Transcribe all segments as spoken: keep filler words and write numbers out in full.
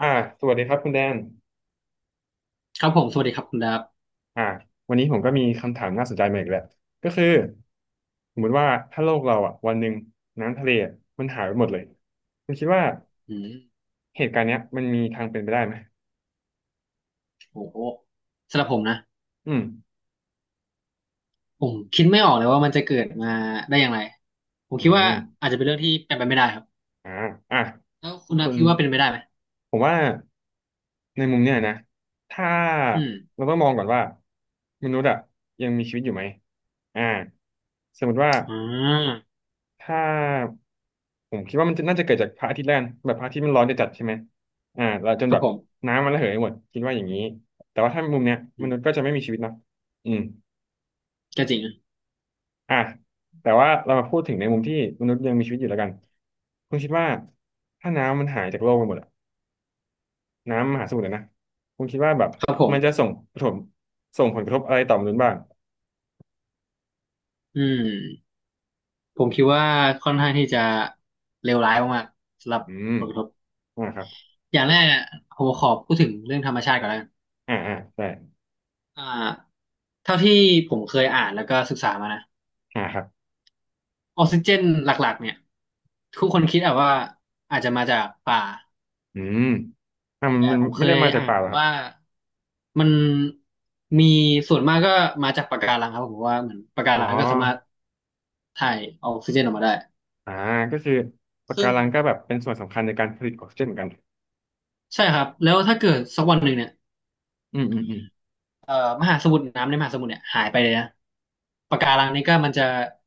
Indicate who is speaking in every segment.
Speaker 1: อ่าสวัสดีครับคุณแดน
Speaker 2: ครับผมสวัสดีครับคุณดับ
Speaker 1: อ่าวันนี้ผมก็มีคำถามน่าสนใจมาอีกแล้วก็คือสมมติว่าถ้าโลกเราอ่ะวันหนึ่งน้ำทะเลอะมันหายไปหมดเลยคุณคิดว่า
Speaker 2: อืม
Speaker 1: เหตุการณ์เนี้ยมันมีทางเป็นไปได้ไหม
Speaker 2: โอ้โหสำหรับผมนะ
Speaker 1: อืม
Speaker 2: ผมคิดไม่ออกเลยว่ามันจะเกิดมาได้อย่างไรผม
Speaker 1: อื
Speaker 2: คิดว่า
Speaker 1: ม
Speaker 2: อาจจะเป็นเรื่องที่เป็นไปไม่ได้ครับ
Speaker 1: อ่าอ่ะ
Speaker 2: แล้วคุณดั
Speaker 1: คุ
Speaker 2: บ
Speaker 1: ณ
Speaker 2: คิดว่าเป็นไปได้ไหม
Speaker 1: ผมว่าในมุมเนี้ยนะ ถ้า
Speaker 2: อืม
Speaker 1: เราต้องมองก่อนว่ามนุษย์อ่ะยังมีชีวิตอยู่ไหมอ่าสมมติว่า
Speaker 2: อ่า
Speaker 1: ถ้าผมคิดว่ามันจะน่าจะเกิดจากพระอาทิตย์แล้วกันแบบพระอาทิตย์มันร้อนจะจัดใช่ไหมอ่าเราจน
Speaker 2: ค
Speaker 1: แบ
Speaker 2: รับ
Speaker 1: บ
Speaker 2: ผม
Speaker 1: น้ำมันระเหยหมดคิดว่าอย่างนี้แต่ว่าถ้ามุมเนี้ยม
Speaker 2: อื
Speaker 1: นุษย์
Speaker 2: ม
Speaker 1: ก็จะไม่มีชีวิตเนาะอืม
Speaker 2: ก็จริงนะ
Speaker 1: อ่ะแต่ว่าเรามาพูดถึงในมุมที่มนุษย์ยังมีชีวิตอยู่แล้วกันคุณคิดว่าถ้าน้ำมันหายจากโลกไปหมดอะน้ำมหาสมุทรอะนะคุณคิดว่าแบบ
Speaker 2: ครับผม
Speaker 1: มันจะส่งผลส่งผลกระทบอะไรต่อมนุษย์บ้าง
Speaker 2: อืมผมคิดว่าค่อนข้างที่จะเลวร้ายมากๆสำหรับ
Speaker 1: อืม
Speaker 2: ผลกระทบ
Speaker 1: อ่าครับ
Speaker 2: อย่างแรกเนี่ยผมขอพูดถึงเรื่องธรรมชาติก่อนแล้วกัน
Speaker 1: อ่าอ่าได่
Speaker 2: อ่าเท่าที่ผมเคยอ่านแล้วก็ศึกษามานะ
Speaker 1: อ่าครับ
Speaker 2: ออกซิเจนหลักๆเนี่ยทุกคนคิดอะว่าอาจจะมาจากป่า
Speaker 1: อืมอ่ามัน
Speaker 2: แต่
Speaker 1: มัน
Speaker 2: ผมเค
Speaker 1: ไม่ได้
Speaker 2: ย
Speaker 1: มาจาก
Speaker 2: อ่าน
Speaker 1: ป่าหร
Speaker 2: มา
Speaker 1: อครับ
Speaker 2: ว่ามันมีส่วนมากก็มาจากปะการังครับผมเพราะว่าเหมือนปะกา
Speaker 1: อ๋อ
Speaker 2: รังก็สามารถถ่ายออกซิเจนออกมาได้
Speaker 1: อ่าก็คือปะกา
Speaker 2: ซึ่ง
Speaker 1: รังก็แบบเป็นส่วนสำคัญในการผลิตออกซิเจนเหมือนกัน
Speaker 2: ใช่ครับแล้วถ้าเกิดสักวันหนึ่งเนี่ย
Speaker 1: อืมอืมอืม
Speaker 2: เอ่อมหาสมุทรน้ำในมหาสมุทรเนี่ยหายไปเลยนะปะการังนี้ก็มันจะ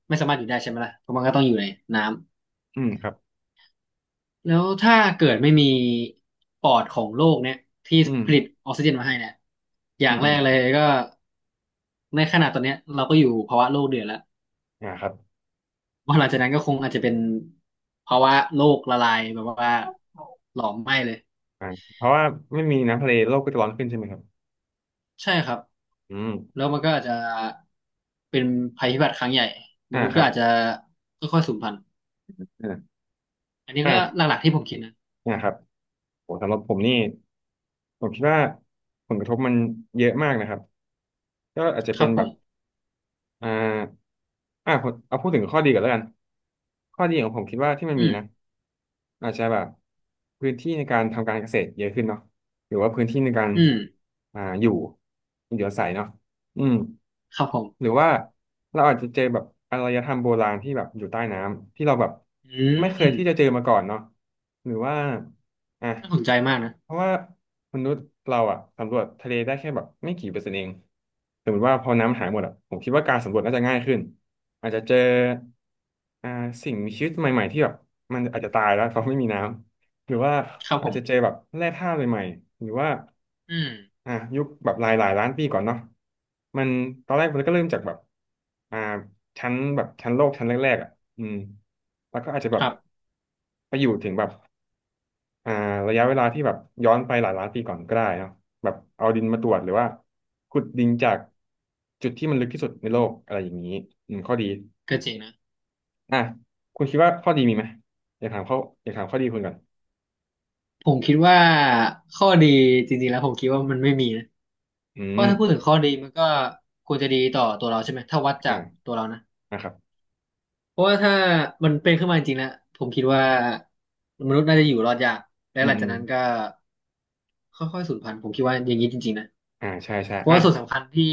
Speaker 2: ไม่สามารถอยู่ได้ใช่ไหมล่ะเพราะมันก็ต้องอยู่ในน้ำ
Speaker 1: อืมครับ
Speaker 2: แล้วถ้าเกิดไม่มีปอดของโลกเนี่ยที่
Speaker 1: อืม
Speaker 2: ผลิตออกซิเจนมาให้เนี่ยอย่า
Speaker 1: อื
Speaker 2: ง
Speaker 1: ม
Speaker 2: แร
Speaker 1: อืม
Speaker 2: กเลยก็ในขณะตอนเนี้ยเราก็อยู่ภาวะโลกเดือดแล้ว
Speaker 1: อ่าครับ
Speaker 2: วันหลังจากนั้นก็คงอาจจะเป็นภาวะโลกละลายแบบว่าหลอมไหม้เลย
Speaker 1: อ่าเพราะว่าไม่มีน้ำทะเลโลกก็จะร้อนขึ้นใช่ไหมครับ
Speaker 2: ใช่ครับ
Speaker 1: อืม
Speaker 2: แล้วมันก็อาจจะเป็นภัยพิบัติครั้งใหญ่ม
Speaker 1: อ่า
Speaker 2: นุษ
Speaker 1: ค
Speaker 2: ย์ก็
Speaker 1: รับ
Speaker 2: อาจจะค่อยๆสูญพันธุ์
Speaker 1: อ่า
Speaker 2: อันนี้
Speaker 1: อ่า
Speaker 2: ก็หลักๆที่ผมคิดนะ
Speaker 1: อ่าครับโหสำหรับผมนี่ผมคิดว่าผลกระทบมันเยอะมากนะครับก็อาจจะ
Speaker 2: ค
Speaker 1: เป็
Speaker 2: รั
Speaker 1: น
Speaker 2: บผ
Speaker 1: แบบ
Speaker 2: ม
Speaker 1: อ่าอ่ะผมเอาพูดถึงข้อดีก่อนแล้วกันข้อดีของผมคิดว่าที่มันมี
Speaker 2: อืม
Speaker 1: นะอาจจะแบบพื้นที่ในการทำการเกษตรเยอะขึ้นเนาะหรือว่าพื้นที่ในการ
Speaker 2: อืม
Speaker 1: อ่าอยู่อยู่อาศัยเนาะ อืม
Speaker 2: ครับผม
Speaker 1: หรือว่าเราอาจจะเจอแบบอารยธรรมโบราณที่แบบอยู่ใต้น้ำที่เราแบบ
Speaker 2: อื
Speaker 1: ไม่เคย
Speaker 2: ม
Speaker 1: ที่จะเจอมาก่อนเนาะหรือว่าอ่ะ
Speaker 2: น่าสนใจมากนะ
Speaker 1: เพราะว่ามนุษย์เราอะสำรวจทะเลได้แค่แบบไม่กี่เปอร์เซ็นต์เองสมมติว่าพอน้ำหายหมดอะผมคิดว่าการสำรวจน่าจะง่ายขึ้นอาจจะเจออ่าสิ่งมีชีวิตใหม่ๆที่แบบมันอาจจะตายแล้วเพราะไม่มีน้ำ หรือว่า
Speaker 2: ครับ
Speaker 1: อา
Speaker 2: ผ
Speaker 1: จ
Speaker 2: ม
Speaker 1: จะเจอแบบแร่ธาตุใหม่ๆหรือว่า
Speaker 2: อืม
Speaker 1: อ่ะยุคแบบหลายหลายล้านปีก่อนเนาะมันตอนแรกมันก็เริ่มจากแบบอ่าชั้นแบบชั้นโลกชั้นแรกๆอ่ะอืมแล้วก็อาจจะแบ
Speaker 2: ค
Speaker 1: บ
Speaker 2: รับ
Speaker 1: ไปอยู่ถึงแบบอ่าระยะเวลาที่แบบย้อนไปหลายล้านปีก่อนก็ได้เนาะแบบเอาดินมาตรวจหรือว่าขุดดินจากจุดที่มันลึกที่สุดในโลกอะไรอย่างนี้อืมข้อดี
Speaker 2: ก็จริงนะ
Speaker 1: อ่ะคุณคิดว่าข้อดีมีไหมอยากถามข้ออยากถามข้อดีคุณก่อน
Speaker 2: ผมคิดว่าข้อดีจริงๆแล้วผมคิดว่ามันไม่มีนะ
Speaker 1: อื
Speaker 2: เพราะ
Speaker 1: ม
Speaker 2: ถ้าพูดถึงข้อดีมันก็ควรจะดีต่อตัวเราใช่ไหมถ้าวัดจา
Speaker 1: อ่า
Speaker 2: กตัวเรานะ
Speaker 1: นะครับ
Speaker 2: เพราะว่าถ้ามันเป็นขึ้นมาจริงๆนะผมคิดว่ามนุษย์น่าจะอยู่รอดยากและ
Speaker 1: อื
Speaker 2: ห
Speaker 1: ม
Speaker 2: ลัง
Speaker 1: อื
Speaker 2: จาก
Speaker 1: ม
Speaker 2: นั้นก็ค่อยๆสูญพันธุ์ผมคิดว่าอย่างนี้จริงๆนะ
Speaker 1: อ่าใช่ใช่
Speaker 2: เพราะ
Speaker 1: อ่ะ
Speaker 2: ว่าส่วนสำคัญที่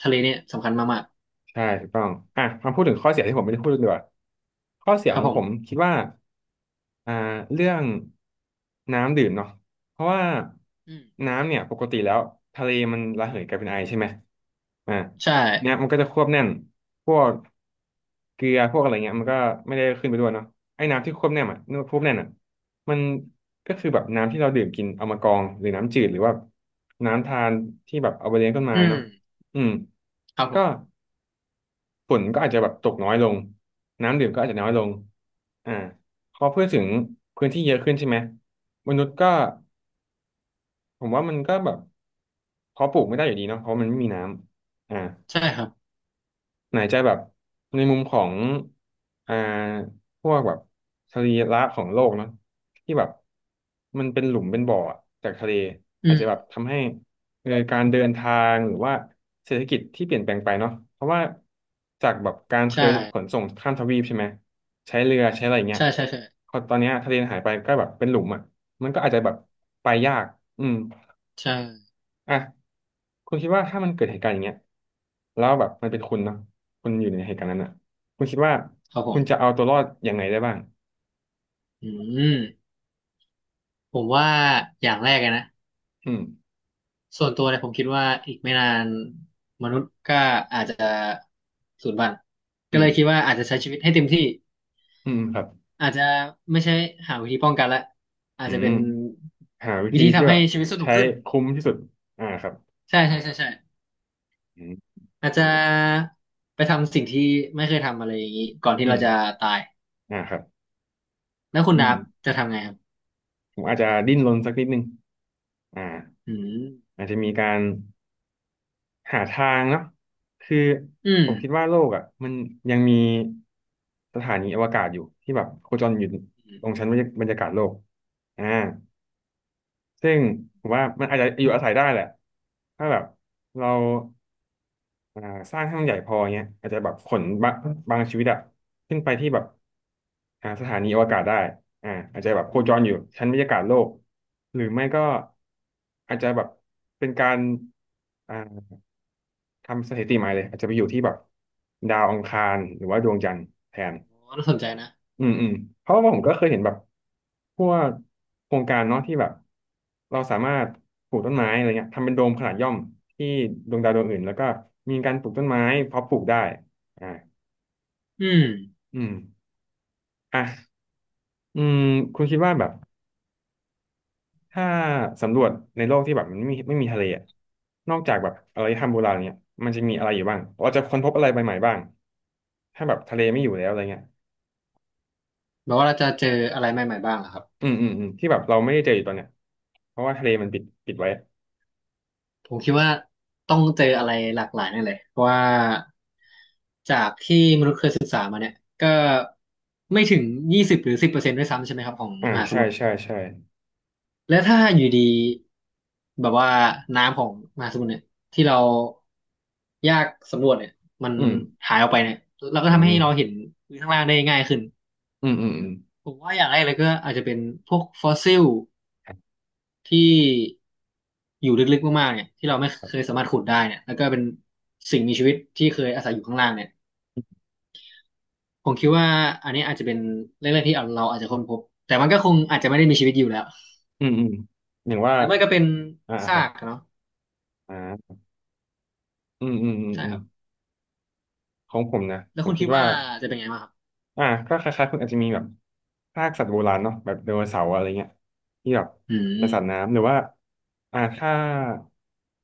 Speaker 2: ทะเลเนี่ยสำคัญมาก
Speaker 1: ใช่ถูกต้องอ่ะมาพูดถึงข้อเสียที่ผมไม่ได้พูดดีกว่าข้อเสีย
Speaker 2: ๆค
Speaker 1: ข
Speaker 2: รับ
Speaker 1: อง
Speaker 2: ผ
Speaker 1: ผ
Speaker 2: ม
Speaker 1: มคิดว่าอ่าเรื่องน้ำดื่มเนาะเพราะว่า
Speaker 2: อืม
Speaker 1: น้ำเนี่ยปกติแล้วทะเลมันระเหยกลายเป็นไอใช่ไหมอ่า
Speaker 2: ใช่
Speaker 1: ทีเนี้ยมันก็จะควบแน่นพวกเกลือพวกอะไรเงี้ยมันก็ไม่ได้ขึ้นไปด้วยเนาะไอ้น้ำที่ควบแน่นอ่ะนควบแน่นอ่ะมันก็คือแบบน้ำที่เราดื่มกินเอามากรองหรือน้ำจืดหรือว่าน้ำทานที่แบบเอาไปเลี้ยงต้นไม้
Speaker 2: อืม
Speaker 1: เนาะอืม
Speaker 2: ครับผ
Speaker 1: ก็
Speaker 2: ม
Speaker 1: ฝุ่นก็อาจจะแบบตกน้อยลงน้ำดื่มก็อาจจะน้อยลงอ่าพอพูดถึงพื้นที่เยอะขึ้นใช่ไหมมนุษย์ก็ผมว่ามันก็แบบเพาะปลูกไม่ได้อยู่ดีเนาะเพราะมันไม่มีน้ำอ่า
Speaker 2: ใช่ครับ
Speaker 1: ไหนจะแบบในมุมของอ่าพวกแบบสรีระของโลกเนาะที่แบบมันเป็นหลุมเป็นบ่ออะจากทะเลอา
Speaker 2: อื
Speaker 1: จ
Speaker 2: ม
Speaker 1: จะแบบทำให้เอ่อการเดินทางหรือว่าเศรษฐกิจที่เปลี่ยนแปลงไปเนาะเพราะว่าจากแบบการเคย
Speaker 2: ใช่
Speaker 1: ขนส่งข้ามทวีปใช่ไหมใช้เรือใช้อะไรเงี้ย
Speaker 2: ใช่ใช่ใช่
Speaker 1: พอตอนเนี้ยทะเลหายไปก็แบบเป็นหลุมอ่ะมันก็อาจจะแบบไปยากอืม
Speaker 2: ใช่
Speaker 1: อ่ะคุณคิดว่าถ้ามันเกิดเหตุการณ์อย่างเงี้ยแล้วแบบมันเป็นคุณเนาะคุณอยู่ในเหตุการณ์นั้นอ่ะคุณคิดว่า
Speaker 2: ครับผ
Speaker 1: คุ
Speaker 2: ม
Speaker 1: ณจะเอาตัวรอดยังไงได้บ้าง
Speaker 2: อืมผมว่าอย่างแรกเลยนะ
Speaker 1: อืม
Speaker 2: ส่วนตัวเนี่ยผมคิดว่าอีกไม่นานมนุษย์ก็อาจจะสูญพันธุ์
Speaker 1: อื
Speaker 2: ก็เล
Speaker 1: ม
Speaker 2: ยคิดว่าอาจจะใช้ชีวิตให้เต็มที่
Speaker 1: อืมครับ
Speaker 2: อาจจะไม่ใช่หาวิธีป้องกันละอาจ
Speaker 1: อื
Speaker 2: จะ
Speaker 1: ม
Speaker 2: เป็น
Speaker 1: หาวิ
Speaker 2: วิ
Speaker 1: ธี
Speaker 2: ธี
Speaker 1: ที่
Speaker 2: ทำ
Speaker 1: แบ
Speaker 2: ให้
Speaker 1: บ
Speaker 2: ชีวิตสนุก
Speaker 1: ใช้
Speaker 2: ขึ้น
Speaker 1: คุ้มที่สุดอ่าครับ
Speaker 2: ใช่ใช่ใช่ใช่
Speaker 1: อืม
Speaker 2: อาจ
Speaker 1: ครั
Speaker 2: จะ
Speaker 1: บผม
Speaker 2: ไปทำสิ่งที่ไม่เคยทำอะไรอย่างนี้ก่อนที่
Speaker 1: อื
Speaker 2: เรา
Speaker 1: ม
Speaker 2: จะตาย
Speaker 1: อ่าครับ
Speaker 2: แล้วคุณ
Speaker 1: อื
Speaker 2: ดั
Speaker 1: ม
Speaker 2: บจะทำไงครับ
Speaker 1: ผมอาจจะดิ้นรนสักนิดนึงอ่า
Speaker 2: อืม
Speaker 1: อาจจะมีการ หาทางเนาะคือ
Speaker 2: อื
Speaker 1: ผ
Speaker 2: ม
Speaker 1: มคิดว่าโลกอ่ะมันยังมีสถานีอวกาศอยู่ที่แบบโคจรอยู่
Speaker 2: อืม
Speaker 1: ตรงชั้นบรรยาบรรยากาศโลกอ่าซึ่งผมว่ามันอาจจะอยู่อาศัยได้แหละถ้าแบบเราอ่าสร้างให้มันใหญ่พอเงี้ยอาจจะแบบขนบะบางชีวิตอะขึ้นไปที่แบบอ่าสถานีอวกาศได้อ่าอาจจะแบบโค
Speaker 2: อื
Speaker 1: จรอยู่
Speaker 2: ม
Speaker 1: ชั้นบรรยากาศโลกหรือไม่ก็อาจจะแบบเป็นการ ทำสถิติใหม่เลยอาจจะไปอยู่ที่แบบดาวอังคารหรือว่าดวงจันทร์แทน
Speaker 2: โอ้น่าสนใจนะ
Speaker 1: อืมอืมเพราะว่าผมก็เคยเห็นแบบพวกโครงการเนาะที่แบบเราสามารถปลูกต้นไม้อะไรเงี้ยทำเป็นโดมขนาดย่อมที่ดวงดาวดวงอื่นแล้วก็มีการปลูกต้นไม้เพาะปลูกได้อ่า
Speaker 2: อืม
Speaker 1: อืมอ่ะอืมคุณคิดว่าแบบถ้าสำรวจในโลกที่แบบมันไม่มีไม่มีทะเลอะนอกจากแบบอารยธรรมโบราณเนี่ยมันจะมีอะไรอยู่บ้างเราจะค้นพบอะไรใหม่ๆบ้างถ้าแบบทะเลไม่อยู่แล้วอะไรเงี้ย
Speaker 2: แปลว่าเราจะเจออะไรใหม่ๆบ้างเหรอครับ
Speaker 1: อืมอืมอืมที่แบบเราไม่ได้เจออยู่ตอนเนี้ยเพราะว่าทะเลมันปิดปิดไว้
Speaker 2: ผมคิดว่าต้องเจออะไรหลากหลายแน่เลยเพราะว่าจากที่มนุษย์เคยก็ไม่ถึงยี่สิบหรือสิบเปอร์เซ็นต์ด้วยซ้ำใช่ไหมครับของ
Speaker 1: อ่า
Speaker 2: มหาส
Speaker 1: ใช่
Speaker 2: มุทร
Speaker 1: ใช่ใช่
Speaker 2: และถ้าอยู่ดีแบบว่าน้ำของมหาสมุทรเนี่ยที่เรายากสำรวจเนี่ยมัน
Speaker 1: อืม
Speaker 2: หายออกไปเนี่ยแล้วก็
Speaker 1: อื
Speaker 2: ทำให้เราเห็
Speaker 1: ม
Speaker 2: นพื้นข้างล่างได้ง่ายขึ้น
Speaker 1: อืมอืมอืม
Speaker 2: ผมว่าอย่างแรกเลยก็อาจจะเป็นพวกฟอสซิล
Speaker 1: ครับ
Speaker 2: ที่อยู่ลึกๆมากๆเนี่ยที่เราไม่เคยสามารถขุดได้เนี่ยแล้วก็เป็นสิ่งมีชีวิตที่เคยอาศัยอยู่ข้างล่างเนี่ยผมคิดว่าอันนี้อาจจะเป็นเรื่องแรกที่เราอาจจะค้นพบแต่มันก็คงอาจจะไม่ได้มีชีวิตอยู่แล้ว
Speaker 1: อืมอืมอย่างว่า
Speaker 2: หรือไม่ก็เป็น
Speaker 1: อ่าค
Speaker 2: ซา
Speaker 1: รับ
Speaker 2: กอะเนาะ
Speaker 1: อ่าอืมอืมอืม
Speaker 2: ใช่
Speaker 1: อื
Speaker 2: ค
Speaker 1: ม
Speaker 2: รับ
Speaker 1: ของผมนะ
Speaker 2: แล้
Speaker 1: ผ
Speaker 2: ว
Speaker 1: ม
Speaker 2: คุณ
Speaker 1: คิ
Speaker 2: คิ
Speaker 1: ด
Speaker 2: ด
Speaker 1: ว่า
Speaker 2: ว่าจะเป็นไงบ้างครับ
Speaker 1: อ่าก็คล้ายๆคุณอาจจะมีแบบซากสัตว์โบราณเนาะแบบไดโนเสาร์อะไรเงี้ยที่แบบ
Speaker 2: อื
Speaker 1: เป็นสัตว์
Speaker 2: ม
Speaker 1: น้ำหรือว่าอ่าถ้า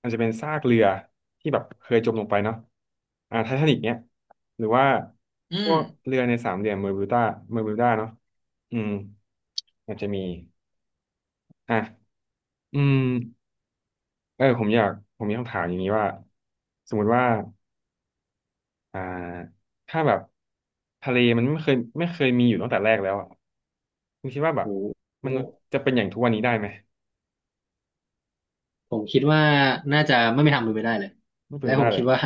Speaker 1: อาจจะเป็นซากเรือที่แบบเคยจมลงไปเนาะอ่าไททานิกเนี้ยหรือว่า
Speaker 2: อื
Speaker 1: พ
Speaker 2: ม
Speaker 1: วกเรือในสามเหลี่ยมเบอร์มิวดาเบอร์มิวดาเนาะอืมอาจจะมีอ่ะอืมเออผมอยากผมมีคำถามอย่างนี้ว่าสมมุติว่า อ่าถ้าแบบทะเลมันไม่เคยไม่เคยมีอยู่ตั้งแต่แรกแล้วอ่ะคุณคิดว่าแบ
Speaker 2: โห
Speaker 1: บ
Speaker 2: โห
Speaker 1: มนุษย์จะเป็นอย่างทุกวันนี้ได้ไหม
Speaker 2: ผมคิดว่าน่าจะไม่มีทางเป็นไปได้เลย
Speaker 1: ไม่เป็น
Speaker 2: และ
Speaker 1: ไป
Speaker 2: ผ
Speaker 1: ได้
Speaker 2: ม
Speaker 1: เล
Speaker 2: คิ
Speaker 1: ย
Speaker 2: ด
Speaker 1: อะ
Speaker 2: ว่า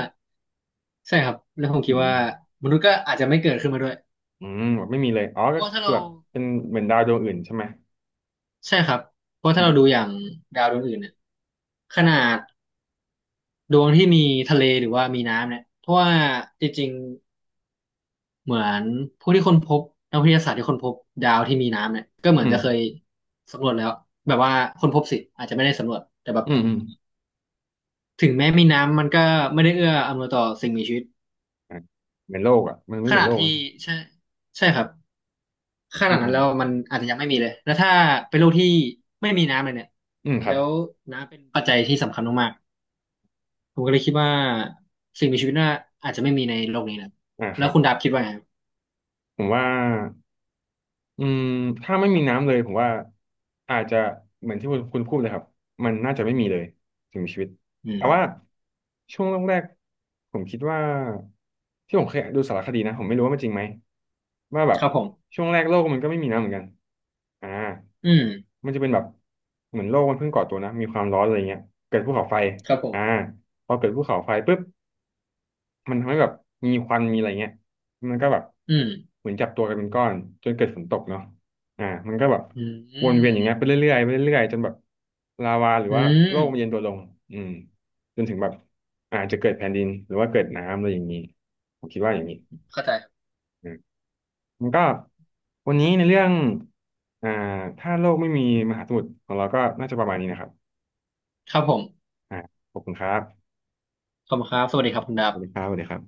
Speaker 2: ใช่ครับแล้วผม
Speaker 1: อื
Speaker 2: คิด
Speaker 1: ม
Speaker 2: ว่ามนุษย์ก็อาจจะไม่เกิดขึ้นมาด้วย
Speaker 1: อืมแบบไม่มีเลยอ๋อ
Speaker 2: เพ
Speaker 1: ก็
Speaker 2: ราะว่าถ้า
Speaker 1: คือ
Speaker 2: เรา
Speaker 1: แบบเป็นเหมือนดาวดวงอื่นใช่ไหม
Speaker 2: ใช่ครับเพราะ
Speaker 1: อื
Speaker 2: ถ้า
Speaker 1: ม
Speaker 2: เราดูอย่างดาวดวงอื่นเนี่ยขนาดดวงที่มีทะเลหรือว่ามีน้ำเนี่ยเพราะว่าจริงๆเหมือนผู้ที่ค้นพบนักวิทยาศาสตร์ที่ค้นพบดาวที่มีน้ำเนี่ยก็เหมือ
Speaker 1: อื
Speaker 2: น
Speaker 1: ม
Speaker 2: จะเคยสำรวจแล้วแบบว่าค้นพบสิอาจจะไม่ได้สำรวจแต่แบบ
Speaker 1: อืมอืม
Speaker 2: ถึงแม้มีน้ำมันก็ไม่ได้เอื้ออำนวยต่อสิ่งมีชีวิต
Speaker 1: อ่ะเหมือนโลกอ่ะมันไม่
Speaker 2: ข
Speaker 1: เหมือ
Speaker 2: นา
Speaker 1: น
Speaker 2: ด
Speaker 1: โลก
Speaker 2: ที่
Speaker 1: นะ
Speaker 2: ใช่ใช่ครับข
Speaker 1: อื
Speaker 2: นา
Speaker 1: ม
Speaker 2: ด
Speaker 1: อื
Speaker 2: นั้น
Speaker 1: ม
Speaker 2: แล้วมันอาจจะยังไม่มีเลยแล้วถ้าเป็นโลกที่ไม่มีน้ำเลยเนี่ย
Speaker 1: อืมครั
Speaker 2: แล้
Speaker 1: บ
Speaker 2: วน้ำเป็นปัจจัยที่สำคัญมาก ผมก็เลยคิดว่าสิ่งมีชีวิตน่าอาจจะไม่มีในโลกนี้นะ
Speaker 1: อ่าค
Speaker 2: แล้
Speaker 1: รั
Speaker 2: ว
Speaker 1: บ
Speaker 2: คุณดับคิดว่าไงครับ
Speaker 1: ผมว่า อืมถ้าไม่มีน้ำเลยผมว่าอาจจะเหมือนที่คุณคุณพูดเลยครับมันน่าจะไม่มีเลยถึงมีชีวิต
Speaker 2: อื
Speaker 1: แต่
Speaker 2: ม
Speaker 1: ว่าช่วงแรกๆผมคิดว่าที่ผมเคยดูสารคดีนะผมไม่รู้ว่ามันจริงไหมว่าแบบ
Speaker 2: ครับผม
Speaker 1: ช่วงแรกโลกมันก็ไม่มีน้ำเหมือนกันอ่า
Speaker 2: อืม
Speaker 1: มันจะเป็นแบบเหมือนโลกมันเพิ่งก่อตัวนะมีความร้อนอะไรเงี้ยเกิดภูเขาไฟ
Speaker 2: ครับผม
Speaker 1: อ่าพอเกิดภูเขาไฟปุ๊บ มันทำให้แบบมีควันมีอะไรเงี้ยมันก็แบบ
Speaker 2: อืม
Speaker 1: เหมือนจับตัวกันเป็นก้อนจนเกิดฝนตกเนาะอ่ามันก็แบบ
Speaker 2: อื
Speaker 1: วนเวียนอ
Speaker 2: ม
Speaker 1: ย่างเงี้ยไปเรื่อยๆไปเรื่อยๆจนแบบลาวาหรือ
Speaker 2: อื
Speaker 1: ว่าโลกมันเย็น
Speaker 2: ม
Speaker 1: ตัวลงอืมจนถึงแบบอาจจะเกิดแผ่นดินหรือว่าเกิดน้ำอะไรอย่างนี้ผมคิดว่าอย่างนี้
Speaker 2: เข้าใจครับ
Speaker 1: อืมมันก็วันนี้ในเรื่องอ่าถ้าโลกไม่มีมหาสมุทรของเราก็น่าจะประมาณนี้นะครับ
Speaker 2: ครับผม
Speaker 1: อ่าขอบคุณครับ
Speaker 2: ขอบคุณครับสวัสดีครับคุณดั
Speaker 1: สวัสดีค
Speaker 2: บ
Speaker 1: รับสวัสดีครับ